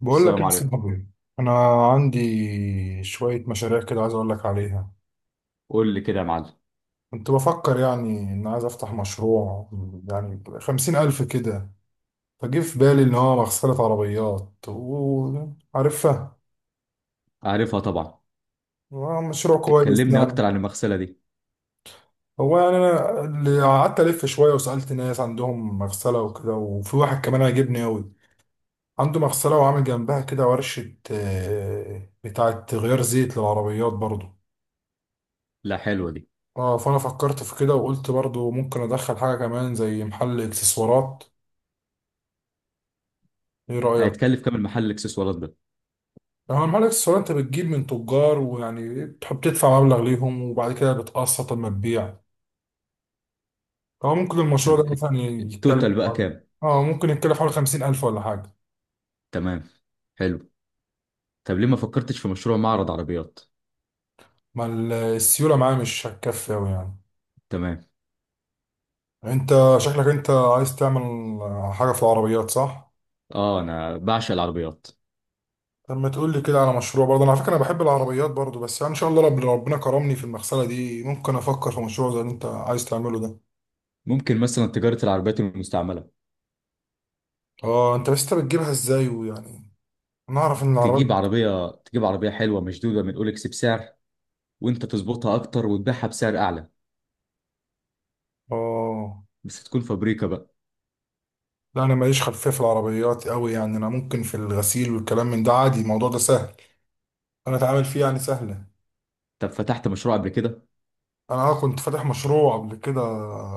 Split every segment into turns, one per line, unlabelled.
بقول لك
السلام
ايه يا
عليكم.
صاحبي؟ انا عندي شويه مشاريع كده، عايز اقول لك عليها.
قول لي كده يا معلم.
كنت بفكر يعني ان عايز افتح مشروع يعني 50 الف كده. فجه في بالي ان هو مغسله عربيات وعارفها،
عارفها طبعا.
مشروع كويس
كلمني
يعني.
اكتر عن المغسله دي.
هو يعني انا اللي قعدت الف شويه وسالت ناس عندهم مغسله وكده، وفي واحد كمان عجبني قوي، عنده مغسله وعامل جنبها كده ورشه، بتاعه غيار زيت للعربيات برضو.
لا، حلوه دي.
اه فانا فكرت في كده وقلت برضو ممكن ادخل حاجه كمان زي محل اكسسوارات. ايه رايك؟
هيتكلف كام المحل الاكسسوارات ده؟
يعني هو محل اكسسوارات انت بتجيب من تجار، ويعني بتحب تدفع مبلغ ليهم وبعد كده بتقسط لما تبيع. هو ممكن
طب
المشروع ده مثلا
التوتال
يتكلف
بقى
حوالي،
كام؟
اه ممكن يتكلف حوالي 50 الف ولا حاجه.
تمام. حلو. طب ليه ما فكرتش في مشروع معرض عربيات؟
ما ال- السيوله معاه مش هتكفي اوي يعني.
تمام.
انت شكلك عايز تعمل حاجه في العربيات صح؟
اه انا بعشق العربيات.
طب ما تقول لي كده على مشروع برضه، أنا على فكرة أنا بحب العربيات برضه، بس يعني إن شاء الله ربنا كرمني في المغسلة دي، ممكن أفكر في مشروع زي اللي أنت عايز تعمله ده.
ممكن مثلا تجاره العربيات المستعمله.
أه أنت بس بتجيبها إزاي ويعني، أنا أعرف إن العربيات.
تجيب عربيه حلوه مشدوده من اولكس بسعر، وانت تظبطها اكتر وتبيعها بسعر اعلى.
أه
بس تكون فابريكا بقى.
لا، أنا ماليش خلفية في العربيات أوي يعني، أنا ممكن في الغسيل والكلام من ده عادي، الموضوع ده سهل أنا أتعامل فيه يعني، سهلة.
طب فتحت مشروع قبل كده؟
أنا أه كنت فاتح مشروع قبل كده،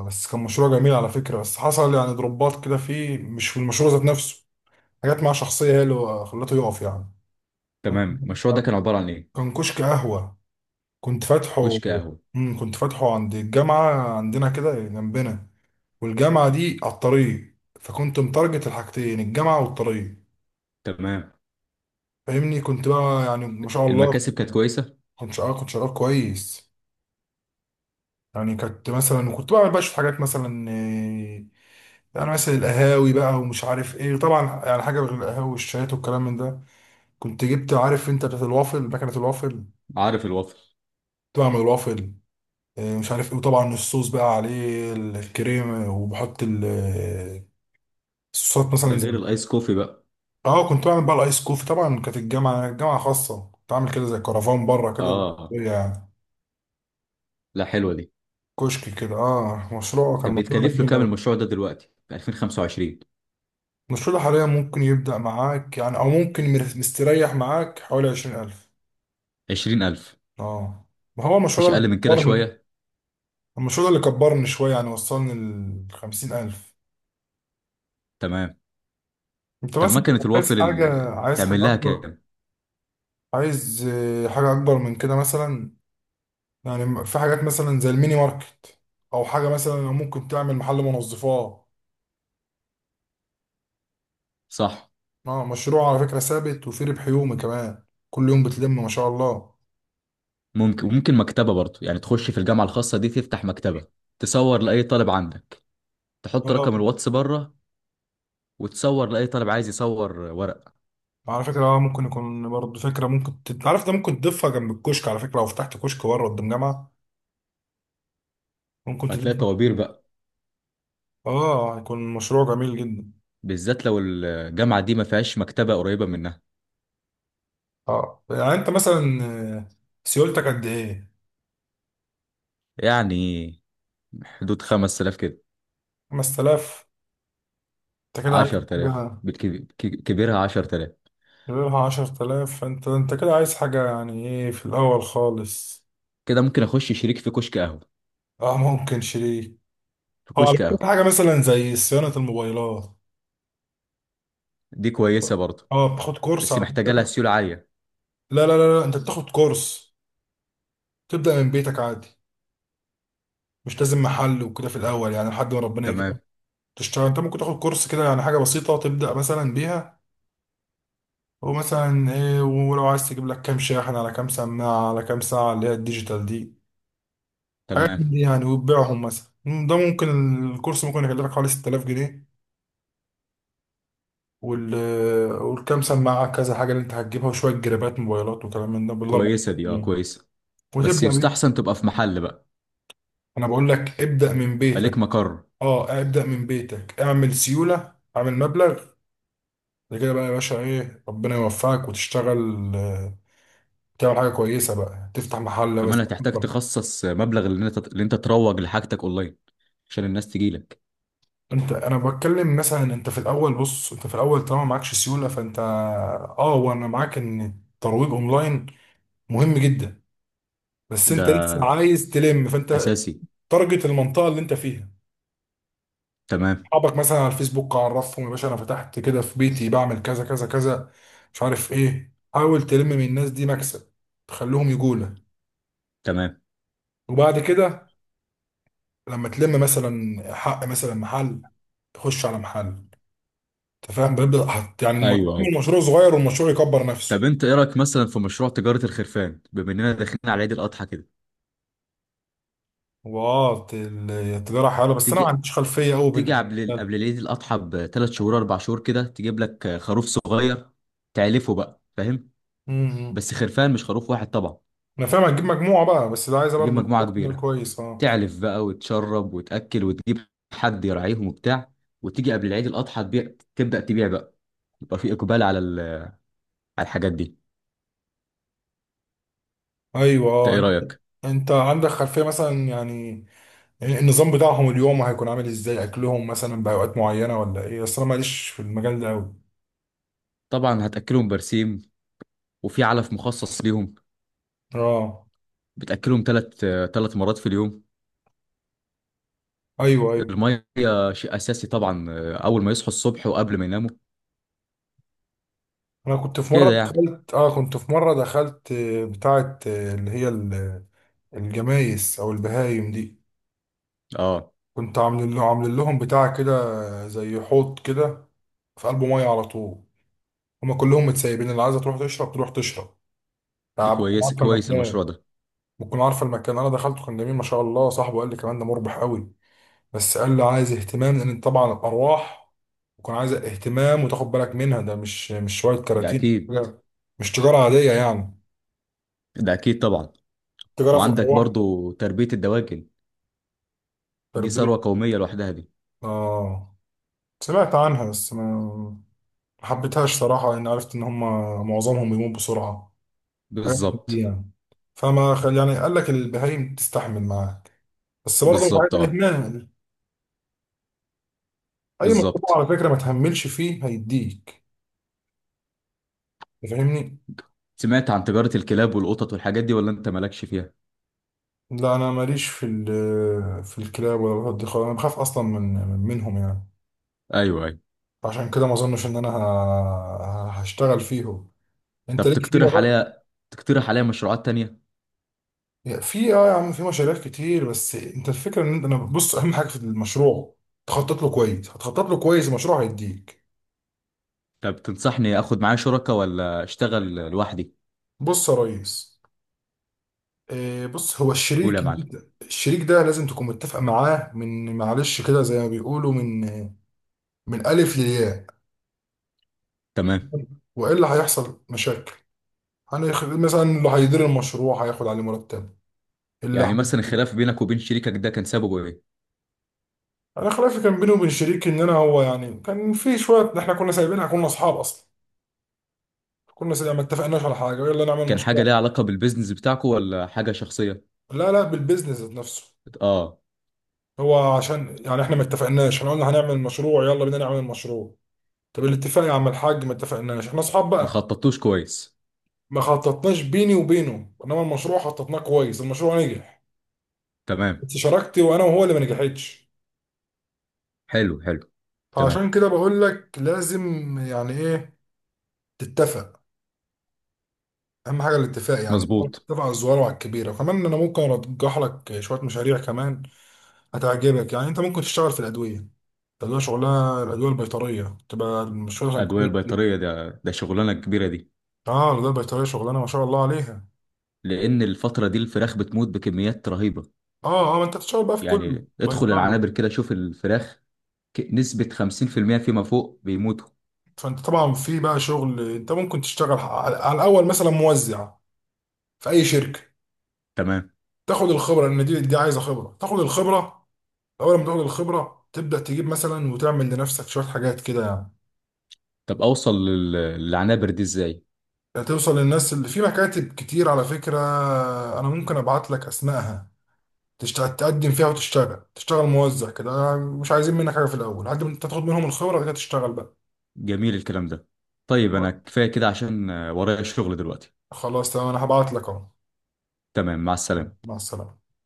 بس كان مشروع جميل على فكرة، بس حصل يعني ضربات كده فيه مش في المشروع ذات نفسه، حاجات مع شخصية هي اللي خلته يقف يعني. كنت
تمام. المشروع ده كان عباره عن ايه؟
كان كشك قهوة كنت فاتحه.
كشك قهوه.
كنت فاتحه عند الجامعة عندنا كده جنبنا، والجامعة دي على الطريق، فكنت متارجت الحاجتين، الجامعة والطريق.
تمام.
فاهمني؟ كنت بقى يعني ما شاء الله.
المكاسب كانت كويسه؟
كنت شغال كويس. يعني كنت مثلا، وكنت بعمل بقى شوية حاجات مثلا، يعني مثلا القهاوي بقى ومش عارف ايه، طبعا يعني حاجة غير القهاوي والشايات والكلام من ده. كنت جبت، عارف انت بتاعت الوافل، مكنة الوافل،
عارف الوافل.
كنت بعمل الوافل، مش عارف ايه، وطبعا الصوص بقى عليه الكريمة وبحط صوت
ده
مثلا
غير
زي،
الايس كوفي بقى؟
اه كنت بعمل بقى الايس كوفي. طبعا كانت الجامعه جامعه خاصه، كنت عامل كده زي كرفان بره كده
اه.
يعني،
لا، حلوه دي.
كشك كده. اه مشروع كان
طب
مشروع
بيتكلف له
جميل
كام
قوي.
المشروع ده دلوقتي في 2025؟
المشروع ده حاليا ممكن يبدا معاك يعني، او ممكن مستريح معاك حوالي 20000.
20000.
اه ما هو المشروع
مفيش
ده اللي
اقل من كده
كبرني.
شويه؟
المشروع ده اللي كبرني شويه يعني، وصلني ل 50000.
تمام.
انت
طب
مثلا
مكنه
عايز
الوافل
حاجه،
اللي
عايز
تعمل
حاجه
لها
اكبر،
كام؟
عايز حاجه اكبر من كده مثلا. يعني في حاجات مثلا زي الميني ماركت، او حاجه مثلا ممكن تعمل محل منظفات.
صح.
اه مشروع على فكره ثابت، وفي ربح يومي كمان، كل يوم بتلم ما شاء الله.
ممكن، وممكن مكتبه برضه يعني تخش في الجامعه الخاصه دي تفتح مكتبه. تصور لاي طالب عندك. تحط رقم
اه
الواتس بره. وتصور لاي طالب عايز يصور ورق.
على فكره اه ممكن يكون برضه فكره ممكن انت عارف ده ممكن تضيفها جنب الكشك، على فكره لو فتحت كشك بره قدام جامعه ممكن
هتلاقي
تضيفها.
طوابير بقى.
اه يكون مشروع جميل جدا.
بالذات لو الجامعه دي ما فيهاش مكتبه قريبه منها.
اه يعني انت مثلا، آه، سيولتك قد ايه؟
يعني حدود 5000 كده.
5000؟ انت كده عايز
10000
حاجه،
بالكبير، كبيرها 10000.
غيرها 10000، فانت انت كده عايز حاجه يعني ايه في الاول خالص.
كده ممكن اخش شريك في كشك قهوه.
اه ممكن شريك.
في
هو على
كشك
فكرة
قهوه.
حاجة مثلا زي صيانة الموبايلات،
دي كويسه برضه.
اه بتاخد كورس
بس
على
محتاجه لها
فكرة.
سيوله عاليه.
لا لا لا لا، انت بتاخد كورس تبدأ من بيتك عادي، مش لازم محل وكده في الأول يعني لحد ما ربنا
تمام.
يكرمك، تشتغل. انت ممكن تاخد كورس كده، يعني حاجة بسيطة تبدأ مثلا بيها، ومثلا ايه، ولو عايز تجيب لك كام شاحن على كام سماعة على كام ساعة اللي هي الديجيتال دي، حاجات
تمام،
من دي يعني وتبيعهم مثلا، ده ممكن. الكورس ممكن يكلفك حوالي 6000 جنيه، وال والكام سماعة كذا حاجة اللي انت هتجيبها وشوية جرابات موبايلات وكلام من ده بالاربع
كويسه دي، اه،
جنيه،
كويسه. بس
وتبدأ بيه.
يستحسن تبقى في محل بقى.
انا بقول لك ابدأ من
يبقى ليك
بيتك،
مقر.
اه ابدأ من بيتك، اعمل سيولة، اعمل مبلغ. ده كده بقى يا باشا، ايه، ربنا يوفقك وتشتغل، تعمل حاجة كويسة بقى تفتح محل
كمان
بس.
هتحتاج تخصص مبلغ اللي انت تروج لحاجتك اونلاين. عشان الناس تجيلك.
انت انا بتكلم مثلا، انت في الاول بص، انت في الاول طالما معكش سيولة فانت، اه وانا معاك ان الترويج اونلاين مهم جدا، بس
ده
انت لسه عايز تلم، فانت
اساسي.
تارجت المنطقه اللي انت فيها،
تمام،
اصحابك مثلا على الفيسبوك عرفهم، يا باشا انا فتحت كده في بيتي بعمل كذا كذا كذا مش عارف ايه، حاول تلم من الناس دي مكسب، تخليهم يجولة.
تمام.
وبعد كده لما تلم مثلا حق مثلا محل، تخش على محل، انت فاهم، بيبدا حط يعني
ايوه، ايوه.
المشروع صغير والمشروع يكبر
طب
نفسه.
انت ايه رايك مثلا في مشروع تجاره الخرفان بما اننا داخلين على عيد الاضحى كده؟
واه التجاره حلوه، بس انا ما
تيجي
عنديش خلفيه قوي
تيجي
بالنسبه
قبل
لها.
العيد الاضحى ب3 شهور 4 شهور كده تجيب لك خروف صغير. تعلفه بقى، فاهم.
امم.
بس خرفان مش خروف واحد طبعا.
انا فاهم، هتجيب مجموعه بقى، بس ده عايزه
تجيب
برضو
مجموعه
راس مال
كبيره.
كويس اه.
تعلف بقى وتشرب وتاكل وتجيب. حد يراعيهم وبتاع. وتيجي قبل العيد الاضحى تبدا تبيع بقى. يبقى في اقبال على على الحاجات دي.
ايوه
انت ايه
اه،
رايك؟
انت عندك خلفية مثلا يعني النظام بتاعهم اليوم هيكون عامل ازاي، اكلهم مثلا باوقات معينة ولا ايه، اصل انا ماليش في المجال ده اوي.
طبعا هتاكلهم برسيم. وفي علف مخصص ليهم.
اه
بتاكلهم 3 مرات في اليوم.
ايوه ايوه،
الميه شيء اساسي طبعا. اول ما يصحوا الصبح وقبل ما يناموا.
انا كنت في مرة
كده يعني.
دخلت، اه كنت في مرة دخلت، بتاعة اللي هي الجمايس او البهايم دي،
اه.
كنت عامل له، عامل لهم بتاع كده زي حوض كده، في قلبه مية على طول، هما كلهم متسيبين، اللي عايزة تروح تشرب تروح تشرب،
دي
يعني بتكون
كويس
عارفة
كويس المشروع
المكان،
ده.
بتكون عارفه المكان، انا دخلته كان جميل ما شاء الله، صاحبه قال لي كمان ده مربح قوي، بس قال لي عايز اهتمام لان طبعا الارواح بتكون عايزه اهتمام وتاخد بالك منها، ده مش شويه
ده
كراتين
اكيد.
مش تجاره عاديه يعني،
ده اكيد طبعا.
تجاره في
وعندك
الارواح.
برضو تربية الدواجن. دي
تربيه
ثروة قومية لوحدها دي.
اه، سمعت عنها بس ما حبيتهاش صراحه، لان عرفت ان هم معظمهم بيموت بسرعه، حاجات من دي
بالظبط.
يعني. يعني قال لك البهايم تستحمل معاك، بس برضه مش
بالظبط،
عايز
اه،
اهمال. اي مشروع
بالظبط.
على فكره ما تهملش فيه هيديك. أنت فاهمني؟
سمعت عن تجارة الكلاب والقطط والحاجات دي ولا انت مالكش فيها؟
لا انا ماليش في في الكلاب ولا القطط دي خالص، انا بخاف اصلا من منهم يعني،
ايوه، ايوه.
عشان كده ما اظنش ان انا هشتغل فيهم. انت
طب
ليك فيها بقى.
تقترح عليا مشروعات تانية.
في اه يا عم في مشاريع كتير، بس انت الفكره ان انت، انا بص اهم حاجه في المشروع تخطط له كويس، هتخطط له كويس المشروع هيديك.
طب تنصحني اخد معايا شركة ولا اشتغل لوحدي؟
بص يا ريس، بص هو
قول
الشريك،
يا معلم.
الشريك ده لازم تكون متفق معاه من معلش كده زي ما بيقولوا من من الف للياء،
تمام.
والا هيحصل مشاكل. مثلا اللي هيدير المشروع هياخد عليه مرتب، اللي
يعني مثلا
هي...
الخلاف بينك وبين شريكك ده كان سببه ايه؟
انا خلافي كان بيني وبين شريكي، ان انا هو يعني كان في شويه، احنا كنا سايبينها، كنا اصحاب اصلا كنا سايبين، ما اتفقناش على حاجه، يلا نعمل
كان حاجة
مشروع.
ليها علاقة بالبيزنس بتاعكو ولا حاجة شخصية؟
لا لا، بالبيزنس ذات نفسه،
اه.
هو عشان يعني احنا ما اتفقناش، احنا قلنا هنعمل مشروع، يلا بينا نعمل المشروع. طب الاتفاق يا عم الحاج، ما اتفقناش، احنا اصحاب
ما
بقى.
خططتوش كويس.
ما خططناش بيني وبينه، انما المشروع خططناه كويس، المشروع نجح،
تمام.
بس شراكتي وانا وهو اللي ما نجحتش.
حلو، حلو. تمام.
فعشان كده بقول لك لازم يعني ايه، تتفق. اهم حاجه الاتفاق، يعني
مظبوط.
اتفق على الصغيره وعلى الكبيره. وكمان انا ممكن ارجح لك شويه مشاريع كمان هتعجبك، يعني انت ممكن تشتغل في الادويه ده، اللي هو شغلها الادويه البيطريه، تبقى شغلها
ادويه
كويس جدا.
البيطريه ده شغلانه كبيره دي.
اه الادويه البيطريه شغلانه ما شاء الله عليها.
لان الفتره دي الفراخ بتموت بكميات رهيبه.
اه اه، ما انت بتشتغل بقى في كل
يعني ادخل
بيطري،
العنابر كده شوف الفراخ. نسبه 50% فيما فوق بيموتوا.
فانت طبعا في بقى شغل، انت ممكن تشتغل على الاول مثلا موزع في اي شركه،
تمام.
تاخد الخبره لان دي عايزه خبره، تاخد الخبره. اول ما تاخد الخبره تبدا تجيب مثلا وتعمل لنفسك شويه حاجات كده يعني.
طب اوصل للعنابر دي ازاي؟
توصل للناس اللي في مكاتب كتير على فكرة، أنا ممكن أبعت لك أسمائها، تقدم فيها وتشتغل، تشتغل موزع كده، مش عايزين منك حاجة في الأول لحد ما أنت تاخد منهم الخبرة، بعد كده تشتغل بقى.
جميل الكلام ده. طيب انا كفايه كده عشان ورايا شغل دلوقتي.
خلاص تمام، أنا هبعت لك أهو.
تمام، مع السلامه.
مع السلامة.